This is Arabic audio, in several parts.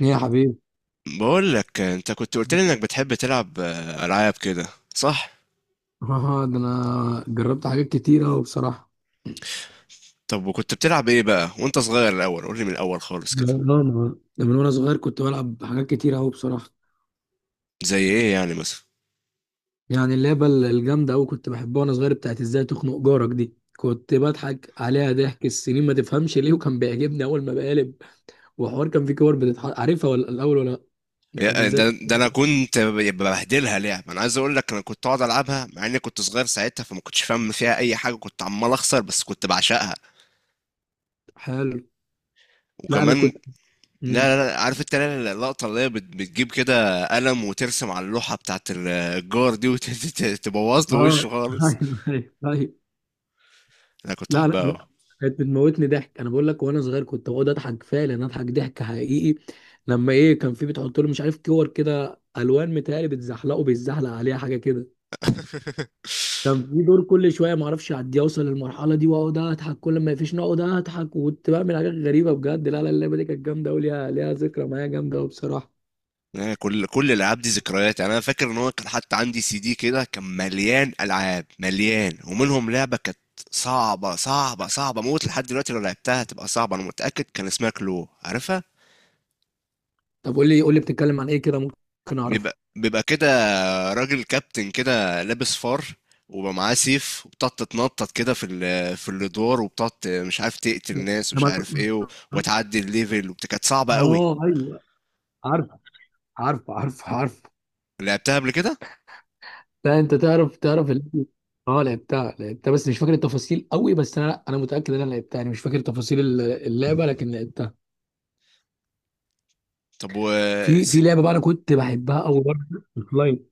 ايه يا حبيبي؟ بقول لك انت كنت قلت لي انك بتحب تلعب العاب كده، صح؟ اه ده انا جربت حاجات كتير اوي بصراحه. اه طب وكنت بتلعب ايه بقى وانت صغير؟ الاول قول لي من الاول خالص كده. ده من وانا صغير كنت بلعب حاجات كتير اوي بصراحه. زي ايه يعني مثلا؟ يعني اللعبه الجامده اوي كنت بحبها وانا صغير، بتاعت ازاي تخنق جارك، دي كنت بضحك عليها ضحك السنين، ما تفهمش ليه، وكان بيعجبني اول ما بقلب. وحوار كان في كور بتتحط، عارفها ولا الاول ولا لأ؟ بتاعت ازاي ده تخنق. انا كنت ببهدلها لعب. انا عايز اقول لك انا كنت اقعد العبها مع اني كنت صغير ساعتها، فما كنتش فاهم فيها اي حاجه، كنت عمال اخسر بس كنت بعشقها. حلو. لا انا وكمان كنت، امم لا عارف انت اللقطه اللي هي بتجيب كده قلم وترسم على اللوحه بتاعت الجار دي وتبوظ له اه وشه خالص؟ ايوه، ايوه، أيوة. انا كنت لا لا احبها أوي. لا، كانت بتموتني ضحك، انا بقول لك وانا صغير كنت بقعد اضحك فعلا، اضحك ضحك حقيقي. لما ايه كان في بتحط له مش عارف كور كده الوان، متهيألي بتزحلقه، بيتزحلق عليها حاجه كده. كان في دور كل شويه ما اعرفش اعديه، اوصل للمرحله دي واقعد اضحك، كل ما يفيش نقعد اضحك، وكنت بعمل حاجات غريبه بجد. لا لا، اللعبه دي كانت جامده قوي، ليها ذكرى معايا جامده قوي بصراحه. يعني كل الالعاب دي ذكريات. يعني انا فاكر ان هو كان حتى عندي سي دي كده كان مليان العاب مليان، ومنهم لعبه كانت صعبه صعبه صعبه موت. لحد دلوقتي لو لعبتها هتبقى صعبه انا متاكد. كان اسمها كلو، عارفها؟ طب قول لي قول لي، بتتكلم عن ايه كده ممكن اعرفها؟ بيبقى كده راجل كابتن كده لابس فار، وبقى معاه سيف، وبتقعد تتنطط كده في الادوار، وبتقعد مش عارف تقتل ناس أنا ومش ما- عارف ايه، وتعدي الليفل، كانت صعبه قوي. اه، ايوه. عارف، عارف، عارف، عارف. لعبتها قبل كده؟ لا انت تعرف اللعبة. اه لعبتها بس مش فاكر التفاصيل قوي، بس انا، لا انا متاكد ان انا لعبتها، يعني مش فاكر تفاصيل اللعبه، لكن لعبتها. طب و في لعبه بقى انا كنت بحبها قوي برضه، اونلاين،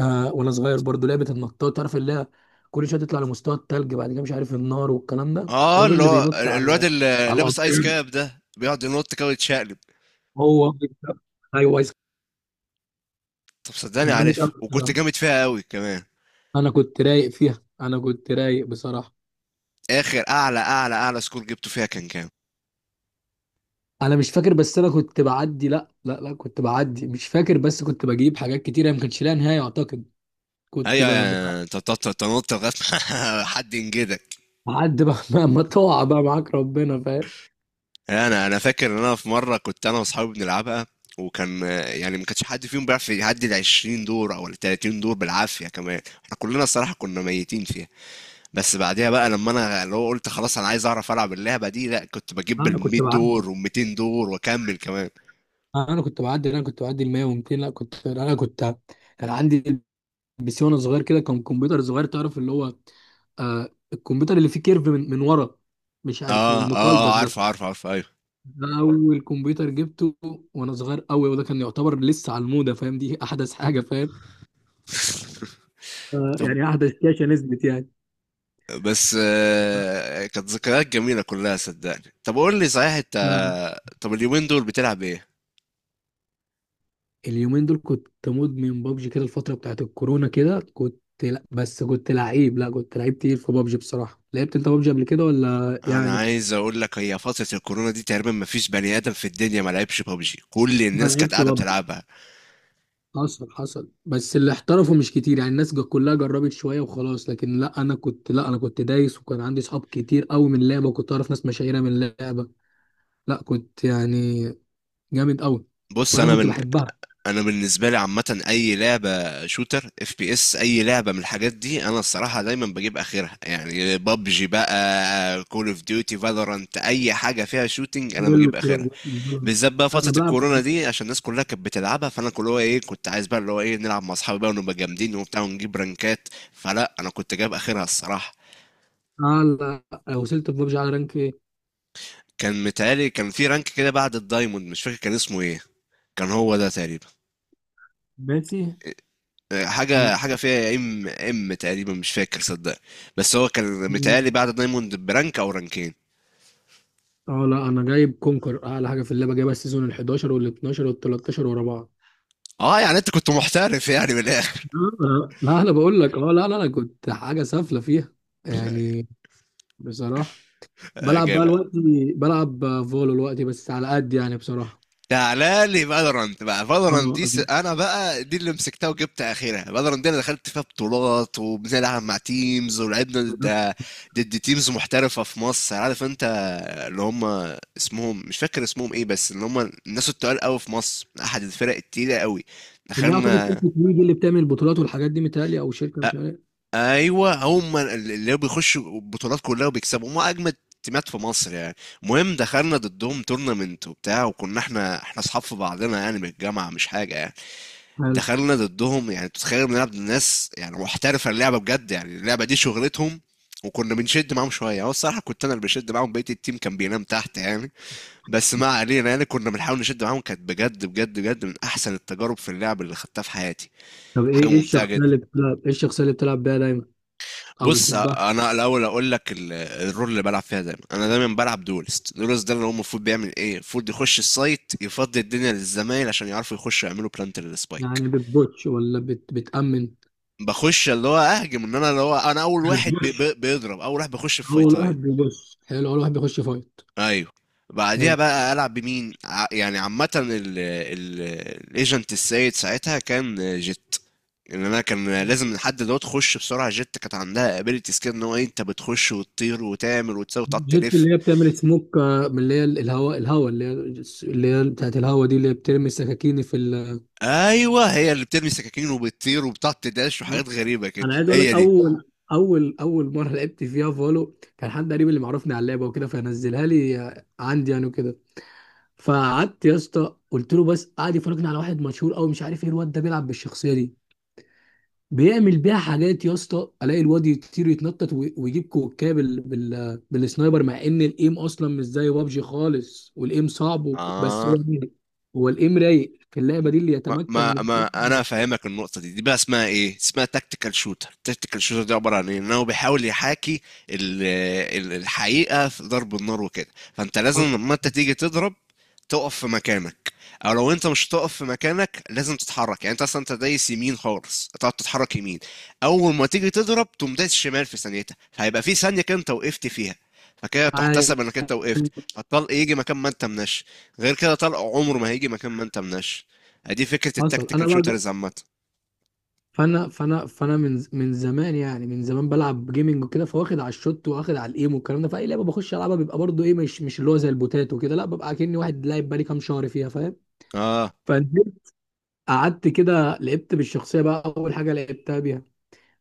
آه، وانا صغير برضه، لعبه النطاط، تعرف اللي هي كل شويه تطلع لمستوى التلج بعد كده مش عارف النار والكلام ده. اه، الراجل اللي اللي هو بينط الواد على اللي لابس ايس القطر. كاب ده بيقعد ينط كده ويتشقلب؟ هو. ايوه، طب صدقني جامد قوي عارفها، وكنت بصراحة. جامد فيها قوي كمان. انا كنت رايق فيها، انا كنت رايق بصراحه. اخر اعلى سكور جبته فيها كان كام؟ انا مش فاكر، بس انا كنت بعدي، لا لا لا كنت بعدي، مش فاكر بس كنت بجيب حاجات كتيره ما كانش لها نهايه اعتقد. كنت ايوه، يعني انت بتقعد تنط لغايه ما حد ينجدك. بعدي بقى. ما تقع بقى معاك، ربنا فاهم. انا فاكر ان انا في مره كنت انا واصحابي بنلعبها، وكان يعني ما كانش حد فيهم بيعرف يعدي ال 20 دور او ال 30 دور بالعافيه، كمان احنا كلنا الصراحه كنا ميتين فيها. بس بعديها بقى لما انا اللي هو قلت خلاص انا عايز اعرف العب اللعبه دي، لا كنت بجيب لا، ال انا 100 كنت بعدي، دور وال 200 دور واكمل كمان. انا كنت بعدي، لا، انا كنت بعدي ال 100 و200. لا كنت، انا كنت، كان عندي بي سي وانا صغير كده، كان كمبيوتر صغير تعرف اللي هو، آه الكمبيوتر اللي فيه كيرف من، ورا، مش عارف اه اه المقلبس اه عارف ده. عارف عارف ايوه. ده اول كمبيوتر جبته وانا صغير قوي، وده كان يعتبر لسه على الموضه فاهم، دي احدث حاجه فاهم. آه، طب يعني قاعدة الشاشة نزلت يعني. بس كانت ذكريات جميله كلها، صدقني. طب قول لي صحيح انت، لا. طب اليومين دول بتلعب ايه؟ اليومين دول كنت مدمن بابجي كده، الفترة بتاعت الكورونا كده كنت، لا بس كنت لعيب، لا كنت لعيب تقيل في بابجي بصراحة. لعبت انت بابجي قبل كده ولا انا يعني؟ عايز اقول لك هي فتره الكورونا دي تقريبا ما فيش بني ادم في الدنيا ما لعبش ببجي، كل ما الناس كانت لعبتش قاعده بابجي بتلعبها. حصل، حصل، بس اللي احترفوا مش كتير يعني، الناس كلها جربت شوية وخلاص، لكن لا انا كنت، لا انا كنت دايس، وكان عندي صحاب كتير قوي من اللعبة وكنت اعرف ناس مشاهيرة من اللعبة، لا كنت يعني جامد قوي، بص وانا انا كنت من بحبها. انا بالنسبه لي عامه اي لعبه شوتر، اف بي اس، اي لعبه من الحاجات دي انا الصراحه دايما بجيب اخرها. يعني بابجي بقى، كول اوف ديوتي، فالورانت، اي حاجه فيها شوتينج انا يلا، بجيب اخرها. كورة. بالذات بقى انا فتره بلعب. الكورونا دي، عشان الناس كلها كانت بتلعبها، فانا كل هو ايه كنت عايز بقى اللي هو ايه نلعب مع اصحابي بقى ونبقى جامدين وبتاع ونجيب رانكات. فلا، انا كنت جايب اخرها الصراحه. اه. لا وصلت في ببجي على رانك ايه؟ كان متهيألي كان في رانك كده بعد الدايموند، مش فاكر كان اسمه ايه، كان هو ده تقريبا. باتي. حاجة مم. حاجة فيها ام ام تقريبا، مش فاكر صدق. بس هو كان متهيألي مم. بعد دايموند برانك او رانكين. اه لا انا جايب كونكر، اعلى حاجه في اللعبه، جايبها السيزون ال 11 وال 12 وال 13 ورا بعض. اه، يعني انت كنت محترف يعني من الاخر. آه، لا لا، انا بقول لك، اه لا لا انا كنت حاجه سافله فيها يعني بصراحه. بلعب بقى جامد. الوقت، بلعب فولو الوقت بس على قد يعني بصراحه. تعالى لي فالورانت بقى، فالورانت دي اه انا بقى دي اللي مسكتها وجبت اخرها. فالورانت دي انا دخلت فيها بطولات وبنلعب مع تيمز، ولعبنا ضد، ضد تيمز محترفه في مصر، عارف انت، اللي هم اسمهم مش فاكر اسمهم ايه، بس اللي هم الناس التقال قوي في مصر، احد الفرق التقيله قوي. اللي اعتقد دخلنا، شركه ويجي اللي بتعمل البطولات والحاجات دي متهيألي، او شركه مش عارف. ايوه هم اللي بيخشوا البطولات كلها وبيكسبوا، هم اجمد تيمات في مصر يعني. المهم دخلنا ضدهم تورنمنت وبتاع، وكنا احنا اصحاب في بعضنا يعني من الجامعه، مش حاجه يعني. حلو. دخلنا ضدهم، يعني تتخيل بنلعب ضد ناس يعني محترفه اللعبه بجد، يعني اللعبه دي شغلتهم. وكنا بنشد معاهم شويه، هو الصراحه كنت انا اللي بشد معاهم، بقيه التيم كان بينام تحت يعني. بس ما علينا، يعني كنا بنحاول نشد معاهم. كانت بجد بجد بجد من احسن التجارب في اللعب اللي خدتها في حياتي. طب حاجه ايه، ايه ممتعه الشخصيه جدا. اللي بتلعب، ايه الشخصيه اللي بتلعب بيها دايما او بص بتحبها؟ انا الاول اقول لك الرول اللي بلعب فيها دايما. انا دايما بلعب دولست. دولست ده اللي هو المفروض بيعمل ايه؟ المفروض يخش السايت يفضي الدنيا للزمايل عشان يعرفوا يخشوا يعملوا بلانت يعني للسبايك. بتبوتش ولا بتأمن؟ بخش اللي هو اهجم، ان انا اللي هو انا اول واحد بي بتبوش. بي بيضرب، اول واحد بخش في اول فايتايه. واحد بيبص. حلو. اول واحد بيخش فايت. ايوه. بعديها حلو. بقى العب بمين، يعني عامه، الايجنت السيد ساعتها كان جيت، ان انا كان لازم لحد دوت تخش بسرعه. جت كانت عندها ابيلتيز كده ان هو انت بتخش وتطير وتعمل وتساوي وتقعد جيت تلف. اللي هي بتعمل سموك، آه، من اللي هي الهواء، الهواء اللي هي، اللي هي بتاعت الهواء دي، اللي هي بترمي السكاكين في ايوه، هي اللي بترمي سكاكين وبتطير وبتقعد تداش وحاجات غريبه كده، انا عايز اقول هي لك، دي. اول مره لعبت فيها فولو، كان حد قريب اللي معرفني على اللعبه وكده، فنزلها لي عندي يعني وكده. فقعدت يا اسطى، قلت له بس، قعد يفرجني على واحد مشهور قوي مش عارف ايه، الواد ده بيلعب بالشخصيه دي، بيعمل بيها حاجات يا اسطى، الاقي الواد يطير، يتنطط ويجيب كوكايه بالسنايبر، مع ان الايم اصلا مش زي بابجي خالص، والايم صعب بس اه هو رايق. هو الايم رايق في اللعبه دي اللي يتمكن من ما انا الإيم. فاهمك النقطه دي. دي بقى اسمها ايه؟ اسمها تكتيكال شوتر. تكتيكال شوتر دي عباره عن ايه؟ ان هو بيحاول يحاكي ال- الحقيقه في ضرب النار وكده. فانت لازم حصل. لما انت تيجي تضرب تقف في مكانك، او لو انت مش تقف في مكانك لازم تتحرك. يعني انت اصلا انت دايس يمين خالص، تقعد تتحرك يمين، اول ما تيجي تضرب تقوم دايس شمال في ثانيتها، فهيبقى في ثانيه كده انت وقفت فيها، فكده أيوة، تحتسب انك انت وقفت، فالطلق يجي مكان ما انت مناش. غير كده طلق عمره ما هيجي مكان ما انت مناش. دي فكرة حصل. انا التكتيكال بقى شوترز عامة. فانا من زمان يعني، من زمان بلعب جيمنج وكده، فواخد على الشوت، واخد على الايم والكلام ده، فاي لعبه بخش العبها بيبقى برضو ايه، مش اللي هو زي البوتات وكده، لا ببقى كأني واحد لاعب بقالي كام شهر فيها، اه. فاهم. قعدت كده لعبت بالشخصيه بقى، اول حاجه لعبتها بيها،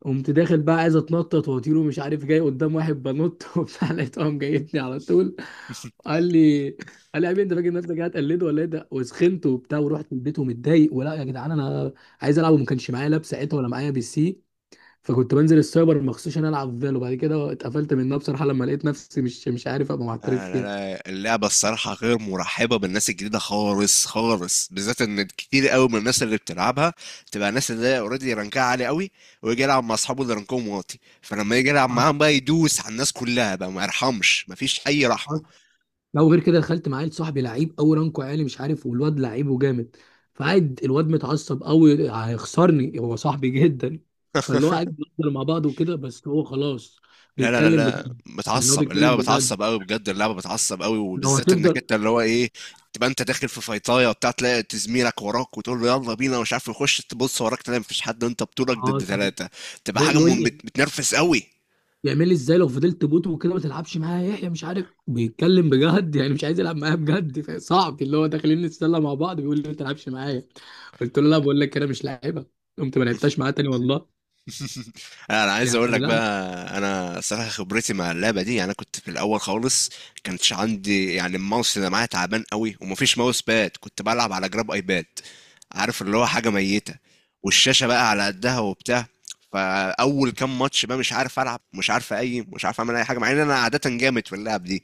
قمت داخل بقى عايز اتنطط واطير ومش عارف، جاي قدام واحد بنط وبتاع، لقيته قام جايبني على طول. قال لي قال لي يا حبيبي انت فاكر نفسك قاعد تقلد ولا ايه ده، وسخنت وبتاع ورحت البيت ومتضايق ولا يا جدعان، انا عايز العب وما كانش معايا لاب ساعتها ولا معايا بي سي، فكنت بنزل السايبر مخصوص عشان العب فالو، وبعد كده اتقفلت منها بصراحه لما لقيت نفسي مش عارف ابقى محترف آه لا فيها. لا اللعبة الصراحة غير مرحبة بالناس الجديدة خالص خالص، بالذات ان كتير قوي من الناس اللي بتلعبها تبقى الناس اللي اوريدي رانكها عالي قوي، ويجي يلعب مع اصحابه اللي رانكهم واطي، فلما يجي يلعب حصل. معاهم بقى يدوس على الناس كلها بقى، ما يرحمش، مفيش اي رحمة. لا وغير كده دخلت مع عيل صاحبي لعيب قوي، رانكو عالي مش عارف، والواد لعيب وجامد، فقعد الواد متعصب قوي هيخسرني هو صاحبي جدا. فاللي هو قاعد بنفضل مع بعض وكده بس هو خلاص لا لا لا بيتكلم لا بجد، يعني هو بتعصب، اللعبه بيتكلم بجد، بتعصب قوي بجد، اللعبه بتعصب قوي، لو وبالذات انك هتفضل انت اللي هو ايه، تبقى انت داخل في فايطايه وبتاع، تلاقي زميلك وراك وتقول له يلا بينا ومش عارف يخش، تبص وراك تلاقي مفيش حد وانت بطولك ضد خلاص. ثلاثه. تبقى حاجه يقول لي، بتنرفز قوي. يعمل لي ازاي لو فضلت بوت وكده ما تلعبش معايا يا يحيى، مش عارف بيتكلم بجد يعني مش عايز يلعب معايا بجد، صعب اللي هو داخلين نتسلى مع بعض بيقول لي ما تلعبش معايا. قلت له لا بقول لك انا مش لاعبها، قمت ما لعبتش معاه تاني والله. انا عايز اقول يعني لك لا. بقى، انا صراحه خبرتي مع اللعبه دي، يعني انا كنت في الاول خالص كانتش عندي يعني، الماوس اللي معايا تعبان قوي، ومفيش ماوس باد، كنت بلعب على جراب ايباد، عارف اللي هو حاجه ميته، والشاشه بقى على قدها وبتاع. فاول كام ماتش بقى مش عارف العب، مش عارف اي، مش عارف اعمل اي حاجه، مع ان انا عاده جامد في اللعب دي.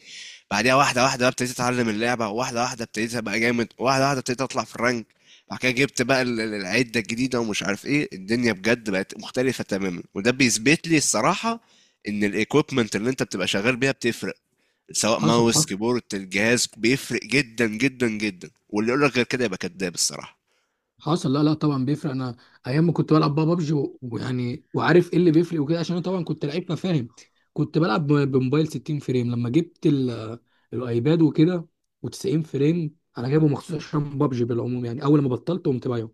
بعديها واحده واحده بقى ابتديت اتعلم اللعبه، واحده واحده ابتديت ابقى جامد، واحده واحده ابتديت اطلع في الرانك. بعد كده جبت بقى العدة الجديدة ومش عارف ايه، الدنيا بجد بقت مختلفة تماما، وده بيثبت لي الصراحة ان الايكويبمنت اللي انت بتبقى شغال بيها بتفرق، سواء حصل، ماوس، حصل كيبورد، الجهاز، بيفرق جدا جدا جدا، واللي يقول لك غير كده يبقى كذاب الصراحة. حصل. لا لا طبعا بيفرق، انا ايام ما كنت بلعب بقى بابجي ويعني، وعارف ايه اللي بيفرق وكده عشان انا طبعا كنت لعيب مفاهم، كنت بلعب بموبايل 60 فريم، لما جبت الايباد وكده و90 فريم، انا جايبه مخصوص عشان بابجي بالعموم يعني، اول ما بطلت قمت بايعه.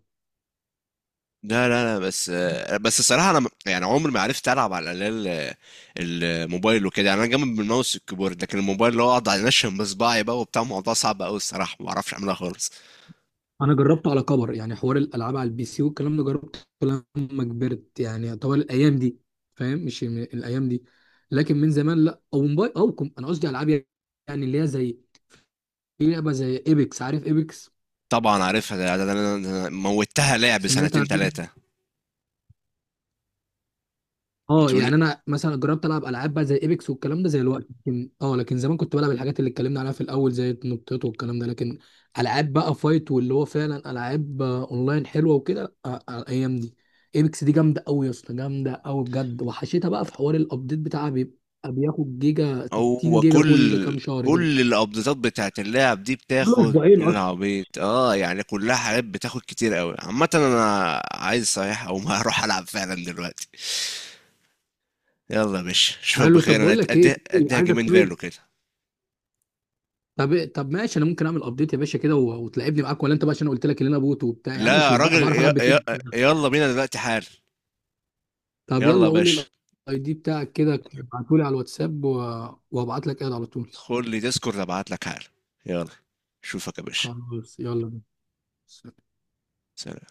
لا بس بس الصراحة انا يعني عمري ما عرفت العب على الأقل الموبايل وكده، يعني انا جامد بالماوس والكيبورد لكن الموبايل اللي هو اقعد انشن بصباعي بقى وبتاع، الموضوع صعب قوي الصراحة، ما بعرفش اعملها خالص. انا جربته على كبر يعني، حوار الالعاب على البي سي والكلام ده جربته لما كبرت يعني، طوال الايام دي فاهم، مش م- الايام دي، لكن من زمان لا او موبايل او كم، انا قصدي العاب يعني اللي هي زي، في لعبه زي ايبكس، عارف ايبكس؟ طبعا عارفها، موتها لعب سمعت سنتين عن إيه؟ ثلاثة. اه بتقول، يعني انا مثلا جربت العب العاب بقى زي ايبكس والكلام ده زي الوقت، لكن اه لكن زمان كنت بلعب الحاجات اللي اتكلمنا عليها في الاول زي النطيط والكلام ده، لكن العاب بقى فايت واللي هو فعلا العاب، آه، اونلاين حلوه وكده، آه، آه، الايام دي ايبكس دي جامده قوي يا اسطى، جامده قوي بجد. وحشيتها بقى في حوار الابديت بتاعها، بيبقى بياخد جيجا، 60 هو جيجا كل كل كام شهر كده، كل الابديتات بتاعت اللاعب دي كل بتاخد اسبوعين اصلا. بالعبيط، اه، يعني كلها حاجات بتاخد كتير قوي عامة. انا عايز صحيح او ما هروح العب فعلا دلوقتي. يلا يا باشا اشوفك حلو. بخير، طب انا بقول أد- لك ايه، أديها اديها عايزك جيمين فيرلو طيب. كده. طب إيه، طب ماشي انا ممكن اعمل ابديت يا باشا كده و- وتلعبني معاك ولا انت بقى عشان أنا قلت لك ان انا بوت وبتاع، يا لا عم مش يا للدرجه، راجل، بعرف العب بفين. يلا بينا دلوقتي حال. طب يلا يا يلا قول لي باشا. الاي دي بتاعك كده ابعتهولي على الواتساب و... وابعت لك ايد على طول. خد لي ديسكورد، ابعت لك حال. يلا، اشوفك يا باشا. خلاص يلا بينا. سلام.